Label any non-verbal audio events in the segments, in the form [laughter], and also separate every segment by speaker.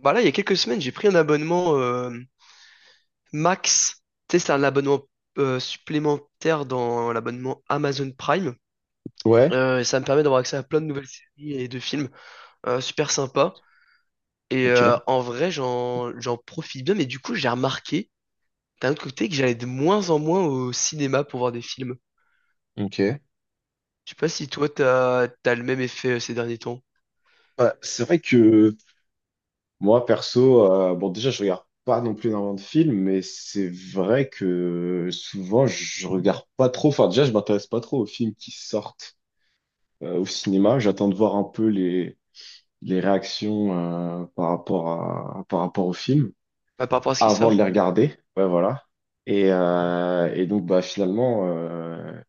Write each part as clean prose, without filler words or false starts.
Speaker 1: Bah là, il y a quelques semaines, j'ai pris un abonnement Max. Tu sais, c'est un abonnement supplémentaire dans l'abonnement Amazon Prime.
Speaker 2: Ouais,
Speaker 1: Et ça me permet d'avoir accès à plein de nouvelles séries et de films. Super sympa. Et
Speaker 2: ok,
Speaker 1: en vrai, j'en profite bien. Mais du coup, j'ai remarqué d'un autre côté que j'allais de moins en moins au cinéma pour voir des films.
Speaker 2: ok.
Speaker 1: Je sais pas si toi, t'as le même effet ces derniers temps.
Speaker 2: Bah, c'est vrai que moi, perso, bon, déjà, je regarde pas non plus énormément de films, mais c'est vrai que souvent, je regarde pas trop. Enfin, déjà, je m'intéresse pas trop aux films qui sortent au cinéma. J'attends de voir un peu les réactions par rapport par rapport aux films
Speaker 1: Ouais, par rapport à ce qui
Speaker 2: avant de les
Speaker 1: sort.
Speaker 2: regarder. Ouais, voilà. Et donc, bah, finalement,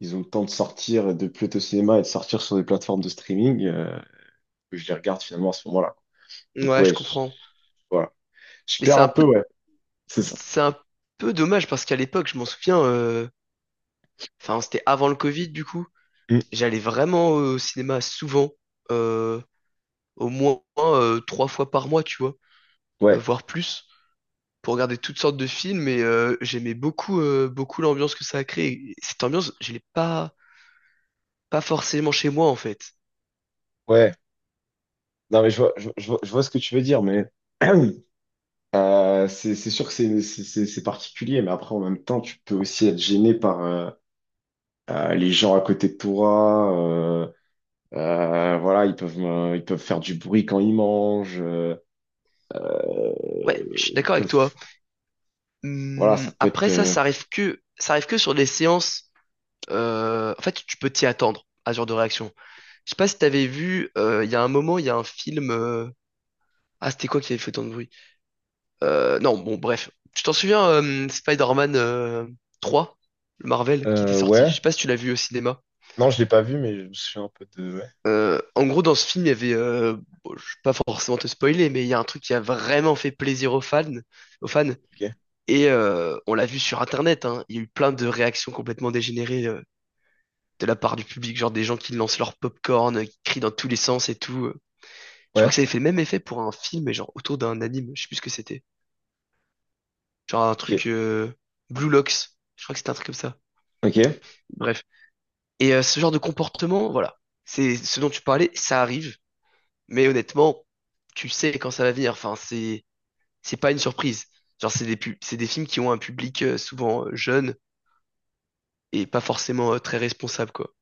Speaker 2: ils ont le temps de sortir, de plus être au cinéma et de sortir sur des plateformes de streaming. Que je les regarde finalement à ce moment-là. Donc,
Speaker 1: Ouais, je comprends.
Speaker 2: voilà. Je
Speaker 1: Mais
Speaker 2: perds un peu, ouais. C'est ça.
Speaker 1: c'est un peu dommage parce qu'à l'époque, je m'en souviens, enfin, c'était avant le Covid, du coup.
Speaker 2: Mm.
Speaker 1: J'allais vraiment au cinéma souvent, euh, au moins trois fois par mois, tu vois,
Speaker 2: Ouais,
Speaker 1: voire plus. Pour regarder toutes sortes de films et j'aimais beaucoup, beaucoup l'ambiance que ça a créé. Cette ambiance, je l'ai pas, pas forcément chez moi en fait.
Speaker 2: ouais. Non, mais je vois ce que tu veux dire, mais [clears throat] c'est sûr que c'est particulier, mais après, en même temps, tu peux aussi être gêné par les gens à côté de toi. Voilà, ils peuvent faire du bruit quand ils mangent.
Speaker 1: Ouais, je suis
Speaker 2: Ils
Speaker 1: d'accord avec toi.
Speaker 2: peuvent, voilà, ça peut être.
Speaker 1: Après ça, ça arrive que sur des séances. En fait, tu peux t'y attendre à ce genre de réaction. Je sais pas si t'avais vu, il y a un moment, il y a un film. Ah, c'était quoi qui avait fait tant de bruit? Non, bon, bref. Tu t'en souviens, Spider-Man 3, le Marvel qui était sorti. Je
Speaker 2: Ouais.
Speaker 1: sais pas si tu l'as vu au cinéma.
Speaker 2: Non, je l'ai pas vu, mais je me souviens un peu de. Ouais.
Speaker 1: En gros, dans ce film, il y avait, bon, je vais pas forcément te spoiler, mais il y a un truc qui a vraiment fait plaisir aux fans, aux fans.
Speaker 2: Ok.
Speaker 1: Et on l'a vu sur Internet, hein, il y a eu plein de réactions complètement dégénérées de la part du public, genre des gens qui lancent leur popcorn, qui crient dans tous les sens et tout. Je crois
Speaker 2: Ouais.
Speaker 1: que ça avait fait le même effet pour un film, mais genre autour d'un anime, je sais plus ce que c'était. Genre un
Speaker 2: Ok.
Speaker 1: truc Blue Locks, je crois que c'était un truc comme ça.
Speaker 2: Ok.
Speaker 1: Bref. Et ce genre de comportement, voilà, c'est ce dont tu parlais, ça arrive, mais honnêtement tu sais quand ça va venir. Enfin, c'est pas une surprise. Genre, c'est des films qui ont un public souvent jeune et pas forcément très responsable, quoi.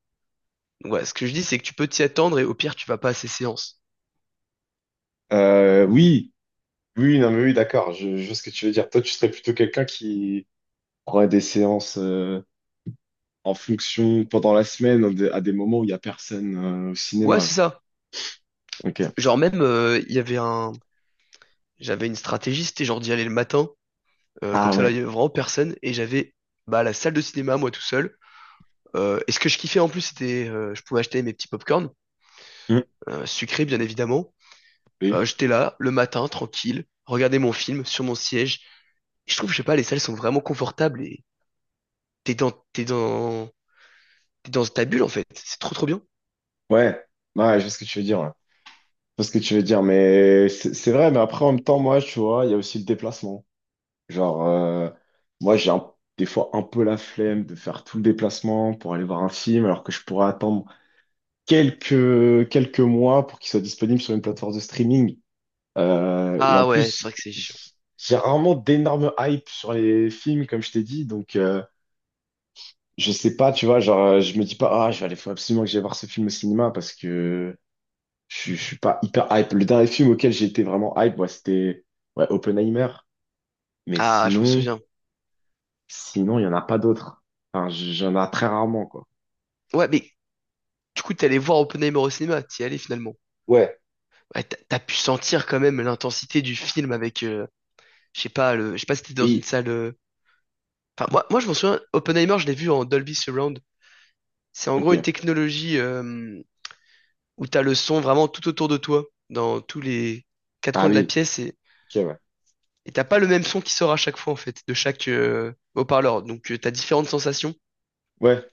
Speaker 1: Donc, voilà, ce que je dis, c'est que tu peux t'y attendre et au pire, tu vas pas à ces séances.
Speaker 2: Oui. Oui, non, mais oui, d'accord, je vois ce que tu veux dire. Toi, tu serais plutôt quelqu'un qui aurait des séances en fonction pendant la semaine, à des moments où il n'y a personne au
Speaker 1: Ouais,
Speaker 2: cinéma.
Speaker 1: c'est
Speaker 2: Genre.
Speaker 1: ça.
Speaker 2: Ok.
Speaker 1: Genre, même, il y avait un, j'avais une stratégie, c'était genre d'y aller le matin, comme
Speaker 2: Ah
Speaker 1: ça, là, il
Speaker 2: ouais.
Speaker 1: y avait vraiment personne bah, la salle de cinéma, moi tout seul. Et ce que je kiffais en plus, c'était, je pouvais acheter mes petits popcorn,
Speaker 2: Hmm.
Speaker 1: sucrés, bien évidemment.
Speaker 2: Oui.
Speaker 1: J'étais là, le matin, tranquille, regarder mon film sur mon siège. Et je trouve, je sais pas, les salles sont vraiment confortables et t'es dans, t'es dans, t'es dans ta bulle en fait. C'est trop trop bien.
Speaker 2: Ouais. Ouais, je vois ce que tu veux dire. Ouais. Je vois ce que tu veux dire, mais c'est vrai, mais après, en même temps, moi, tu vois, il y a aussi le déplacement. Genre, moi, des fois un peu la flemme de faire tout le déplacement pour aller voir un film, alors que je pourrais attendre quelques mois pour qu'il soit disponible sur une plateforme de streaming. Et en
Speaker 1: Ah ouais, c'est vrai
Speaker 2: plus,
Speaker 1: que c'est chiant.
Speaker 2: j'ai rarement d'énormes hype sur les films, comme je t'ai dit. Donc, je sais pas, tu vois, genre, je me dis pas, ah, je vais aller, faut absolument que j'aille voir ce film au cinéma parce que je suis pas hyper hype. Le dernier film auquel j'ai été vraiment hype, ouais, c'était ouais, Oppenheimer. Mais
Speaker 1: Ah, je m'en souviens.
Speaker 2: sinon, il y en a pas d'autres. Enfin, j'en ai très rarement, quoi.
Speaker 1: Ouais, mais du coup, t'es allé voir Oppenheimer au cinéma, t'y es allé finalement.
Speaker 2: Ouais,
Speaker 1: Ouais, t'as pu sentir quand même l'intensité du film avec, je sais pas, je sais pas si t'étais dans une
Speaker 2: oui,
Speaker 1: salle. Enfin, moi, je m'en souviens, Oppenheimer, je l'ai vu en Dolby Surround. C'est en gros une
Speaker 2: ok.
Speaker 1: technologie où t'as le son vraiment tout autour de toi, dans tous les quatre
Speaker 2: Ah
Speaker 1: coins de la
Speaker 2: oui,
Speaker 1: pièce,
Speaker 2: ok, ouais.
Speaker 1: et t'as pas le même son qui sort à chaque fois en fait, de chaque haut-parleur. Donc, t'as différentes sensations.
Speaker 2: Ouais,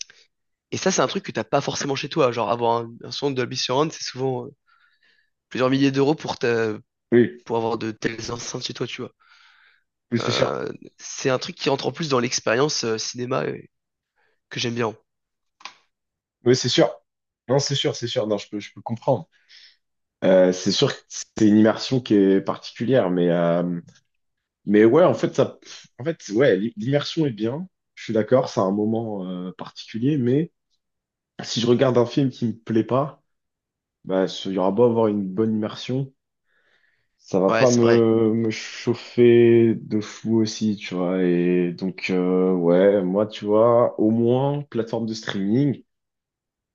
Speaker 1: Et ça, c'est un truc que t'as pas forcément chez toi. Genre, un son Dolby Surround, c'est souvent plusieurs milliers d'euros
Speaker 2: oui,
Speaker 1: pour avoir de telles enceintes chez toi, tu vois.
Speaker 2: oui, c'est sûr.
Speaker 1: Euh, c'est un truc qui rentre en plus dans l'expérience cinéma que j'aime bien.
Speaker 2: Oui, c'est sûr. Non, c'est sûr. Non, je peux comprendre. C'est sûr que c'est une immersion qui est particulière, mais, ouais, en fait, ça, en fait, ouais, l'i- l'immersion est bien. Je suis d'accord, c'est un moment particulier, mais si je regarde un film qui me plaît pas, bah, il y aura beau avoir une bonne immersion, ça va
Speaker 1: Ouais,
Speaker 2: pas
Speaker 1: c'est vrai.
Speaker 2: me chauffer de fou aussi, tu vois. Et donc, ouais, moi, tu vois, au moins, plateforme de streaming,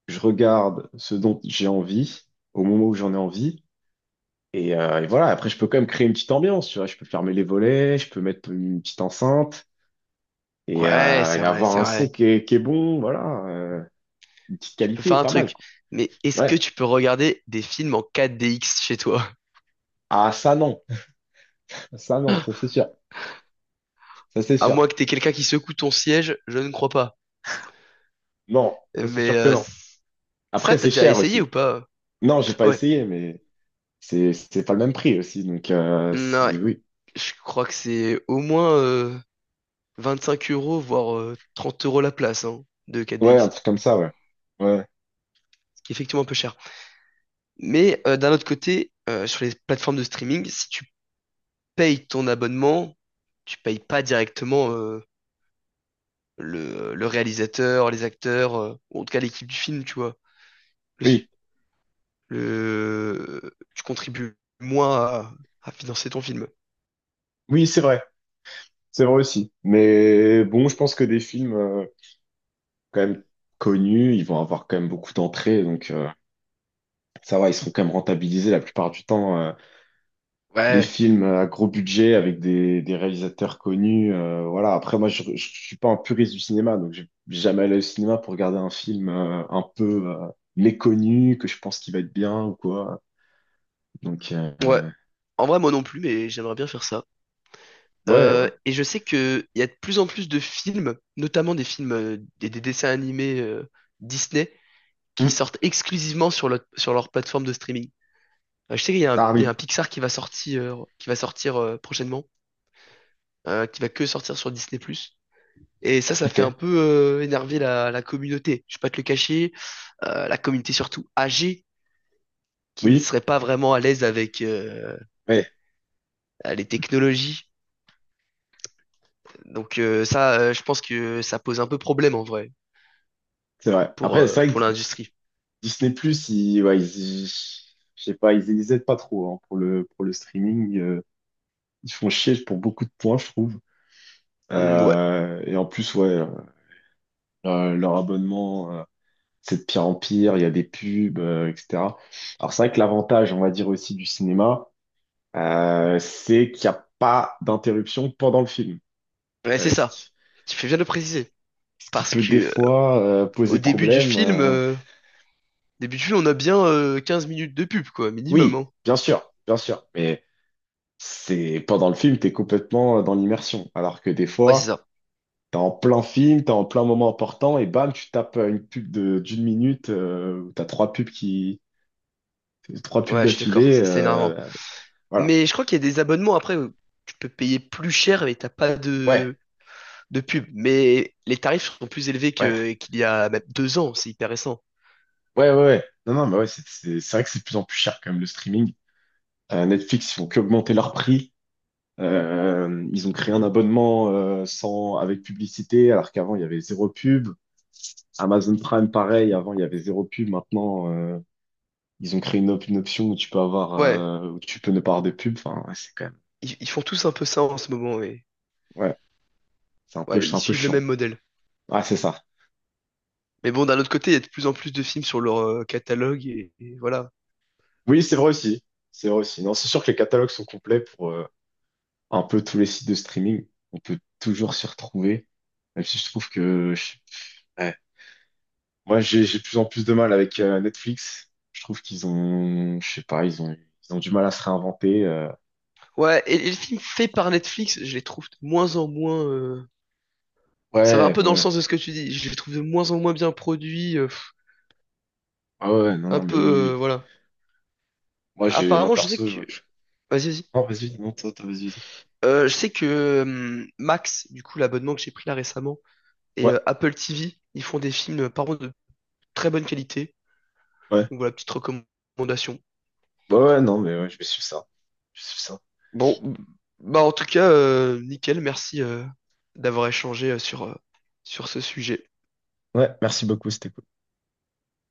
Speaker 2: je regarde ce dont j'ai envie, au moment où j'en ai envie. Et voilà, après, je peux quand même créer une petite ambiance, tu vois. Je peux fermer les volets, je peux mettre une petite enceinte et,
Speaker 1: Ouais,
Speaker 2: euh,
Speaker 1: c'est
Speaker 2: et
Speaker 1: vrai,
Speaker 2: avoir
Speaker 1: c'est
Speaker 2: un son
Speaker 1: vrai.
Speaker 2: qui est bon, voilà. Une petite
Speaker 1: Tu peux faire
Speaker 2: qualité,
Speaker 1: un
Speaker 2: pas mal,
Speaker 1: truc.
Speaker 2: quoi.
Speaker 1: Mais est-ce que
Speaker 2: Ouais.
Speaker 1: tu peux regarder des films en 4DX chez toi?
Speaker 2: Ah, ça, non. [laughs] Ça, non, ça, c'est sûr. Ça, c'est
Speaker 1: À moins
Speaker 2: sûr.
Speaker 1: que t'aies quelqu'un qui secoue ton siège, je ne crois pas.
Speaker 2: Non, ça, c'est
Speaker 1: Mais
Speaker 2: sûr que non.
Speaker 1: ça,
Speaker 2: Après,
Speaker 1: t'as
Speaker 2: c'est
Speaker 1: déjà
Speaker 2: cher
Speaker 1: essayé ou
Speaker 2: aussi.
Speaker 1: pas?
Speaker 2: Non, j'ai pas
Speaker 1: Ah ouais.
Speaker 2: essayé, mais c'est pas le même prix aussi. Donc,
Speaker 1: Non, ouais.
Speaker 2: oui.
Speaker 1: Je crois que c'est au moins 25 euros, voire 30 euros la place hein, de
Speaker 2: Ouais, un
Speaker 1: 4DX.
Speaker 2: truc comme ça, ouais. Ouais.
Speaker 1: Ce qui est effectivement un peu cher. Mais d'un autre côté, sur les plateformes de streaming, si tu payes ton abonnement, tu payes pas directement le réalisateur, les acteurs, ou en tout cas l'équipe du film, tu vois. Le,
Speaker 2: Oui.
Speaker 1: Tu contribues moins à financer ton film.
Speaker 2: Oui, c'est vrai. C'est vrai aussi. Mais bon, je pense que des films. Quand même connus, ils vont avoir quand même beaucoup d'entrées, donc ça va, ils seront quand même rentabilisés la plupart du temps. Les
Speaker 1: Ouais,
Speaker 2: films à gros budget avec des réalisateurs connus, voilà. Après, moi, suis pas un puriste du cinéma, donc je vais jamais allé au cinéma pour regarder un film un peu méconnu que je pense qu'il va être bien ou quoi. Donc
Speaker 1: ouais. En vrai, moi non plus, mais j'aimerais bien faire ça.
Speaker 2: ouais, ouais.
Speaker 1: Et je sais que il y a de plus en plus de films, notamment des films, des dessins animés Disney, qui
Speaker 2: Mm.
Speaker 1: sortent exclusivement sur leur plateforme de streaming. Je sais qu'il y a
Speaker 2: Ah
Speaker 1: il y a
Speaker 2: oui,
Speaker 1: un Pixar qui va sortir prochainement, qui va que sortir sur Disney+. Et ça
Speaker 2: ok.
Speaker 1: fait un peu énerver la communauté. Je vais pas te le cacher, la communauté surtout âgée, qui ne
Speaker 2: Oui,
Speaker 1: serait pas vraiment à l'aise avec
Speaker 2: ouais,
Speaker 1: les technologies. Donc ça, je pense que ça pose un peu problème en vrai
Speaker 2: c'est vrai. Après, c'est vrai
Speaker 1: pour
Speaker 2: que
Speaker 1: l'industrie.
Speaker 2: Disney+, ouais, je sais pas, ils aident pas trop hein, pour pour le streaming. Ils font chier pour beaucoup de points, je trouve.
Speaker 1: Hmm, ouais,
Speaker 2: Et en plus, ouais, leur abonnement, c'est de pire en pire. Il y a des pubs, etc. Alors c'est vrai que l'avantage, on va dire aussi du cinéma, c'est qu'il n'y a pas d'interruption pendant le film.
Speaker 1: ouais, c'est
Speaker 2: Euh, ce
Speaker 1: ça.
Speaker 2: qui,
Speaker 1: Tu fais bien de le préciser.
Speaker 2: Ce qui
Speaker 1: Parce
Speaker 2: peut
Speaker 1: que
Speaker 2: des fois
Speaker 1: au
Speaker 2: poser problème.
Speaker 1: début du film, on a bien 15 minutes de pub, quoi, minimum,
Speaker 2: Oui,
Speaker 1: hein.
Speaker 2: bien sûr, bien sûr. Mais c'est pendant le film, t'es complètement dans l'immersion. Alors que des
Speaker 1: Ouais, c'est
Speaker 2: fois,
Speaker 1: ça.
Speaker 2: t'es en plein film, t'es en plein moment important et bam, tu tapes une pub de d'une minute où t'as trois pubs
Speaker 1: Ouais, je suis d'accord,
Speaker 2: d'affilée.
Speaker 1: ça c'est énervant.
Speaker 2: Voilà.
Speaker 1: Mais je crois qu'il y a des abonnements après où tu peux payer plus cher mais t'as pas
Speaker 2: Ouais,
Speaker 1: de, de pub. Mais les tarifs sont plus élevés
Speaker 2: ouais,
Speaker 1: que qu'il y a même deux ans, c'est hyper récent.
Speaker 2: ouais. Ouais. Non, non, mais ouais, c'est vrai que c'est de plus en plus cher quand même le streaming. Netflix, ils font qu'augmenter leur prix. Ils ont créé un abonnement sans avec publicité, alors qu'avant il y avait zéro pub. Amazon Prime, pareil, avant il y avait zéro pub, maintenant. Ils ont créé une option où tu peux avoir,
Speaker 1: Ouais,
Speaker 2: où tu peux ne pas avoir de pub. Enfin,
Speaker 1: ils font tous un peu ça en ce moment, et
Speaker 2: ouais,
Speaker 1: ouais,
Speaker 2: c'est
Speaker 1: ils
Speaker 2: un peu
Speaker 1: suivent le
Speaker 2: chiant.
Speaker 1: même modèle.
Speaker 2: Ah, c'est ça.
Speaker 1: Mais bon, d'un autre côté, il y a de plus en plus de films sur leur catalogue et voilà.
Speaker 2: Oui, c'est vrai aussi. C'est vrai aussi. Non, c'est sûr que les catalogues sont complets pour un peu tous les sites de streaming. On peut toujours s'y retrouver. Même si je trouve que ouais. Moi, j'ai de plus en plus de mal avec Netflix. Je trouve qu'ils ont, je sais pas, ils ont du mal à se réinventer.
Speaker 1: Ouais, et les films faits par Netflix, je les trouve de moins en moins. Ça va un
Speaker 2: Ouais,
Speaker 1: peu
Speaker 2: ouais,
Speaker 1: dans le
Speaker 2: ouais.
Speaker 1: sens de ce que tu dis. Je les trouve de moins en moins bien produits.
Speaker 2: Ah ouais, non,
Speaker 1: Un
Speaker 2: non, mais
Speaker 1: peu,
Speaker 2: oui, oui. Oui.
Speaker 1: voilà.
Speaker 2: Moi, moi
Speaker 1: Apparemment, je sais
Speaker 2: perso,
Speaker 1: que. Vas-y, vas-y.
Speaker 2: non, vas-y, non, vas-y.
Speaker 1: Je sais que Max, du coup, l'abonnement que j'ai pris là récemment, et
Speaker 2: Ouais.
Speaker 1: Apple TV, ils font des films par contre de très bonne qualité.
Speaker 2: Ouais.
Speaker 1: Donc voilà, petite recommandation.
Speaker 2: Ouais, ouais, non, mais ouais, je vais suivre ça. Je vais suivre ça.
Speaker 1: Bon, bah en tout cas, nickel, merci d'avoir échangé sur ce sujet.
Speaker 2: Ouais, merci beaucoup, c'était cool.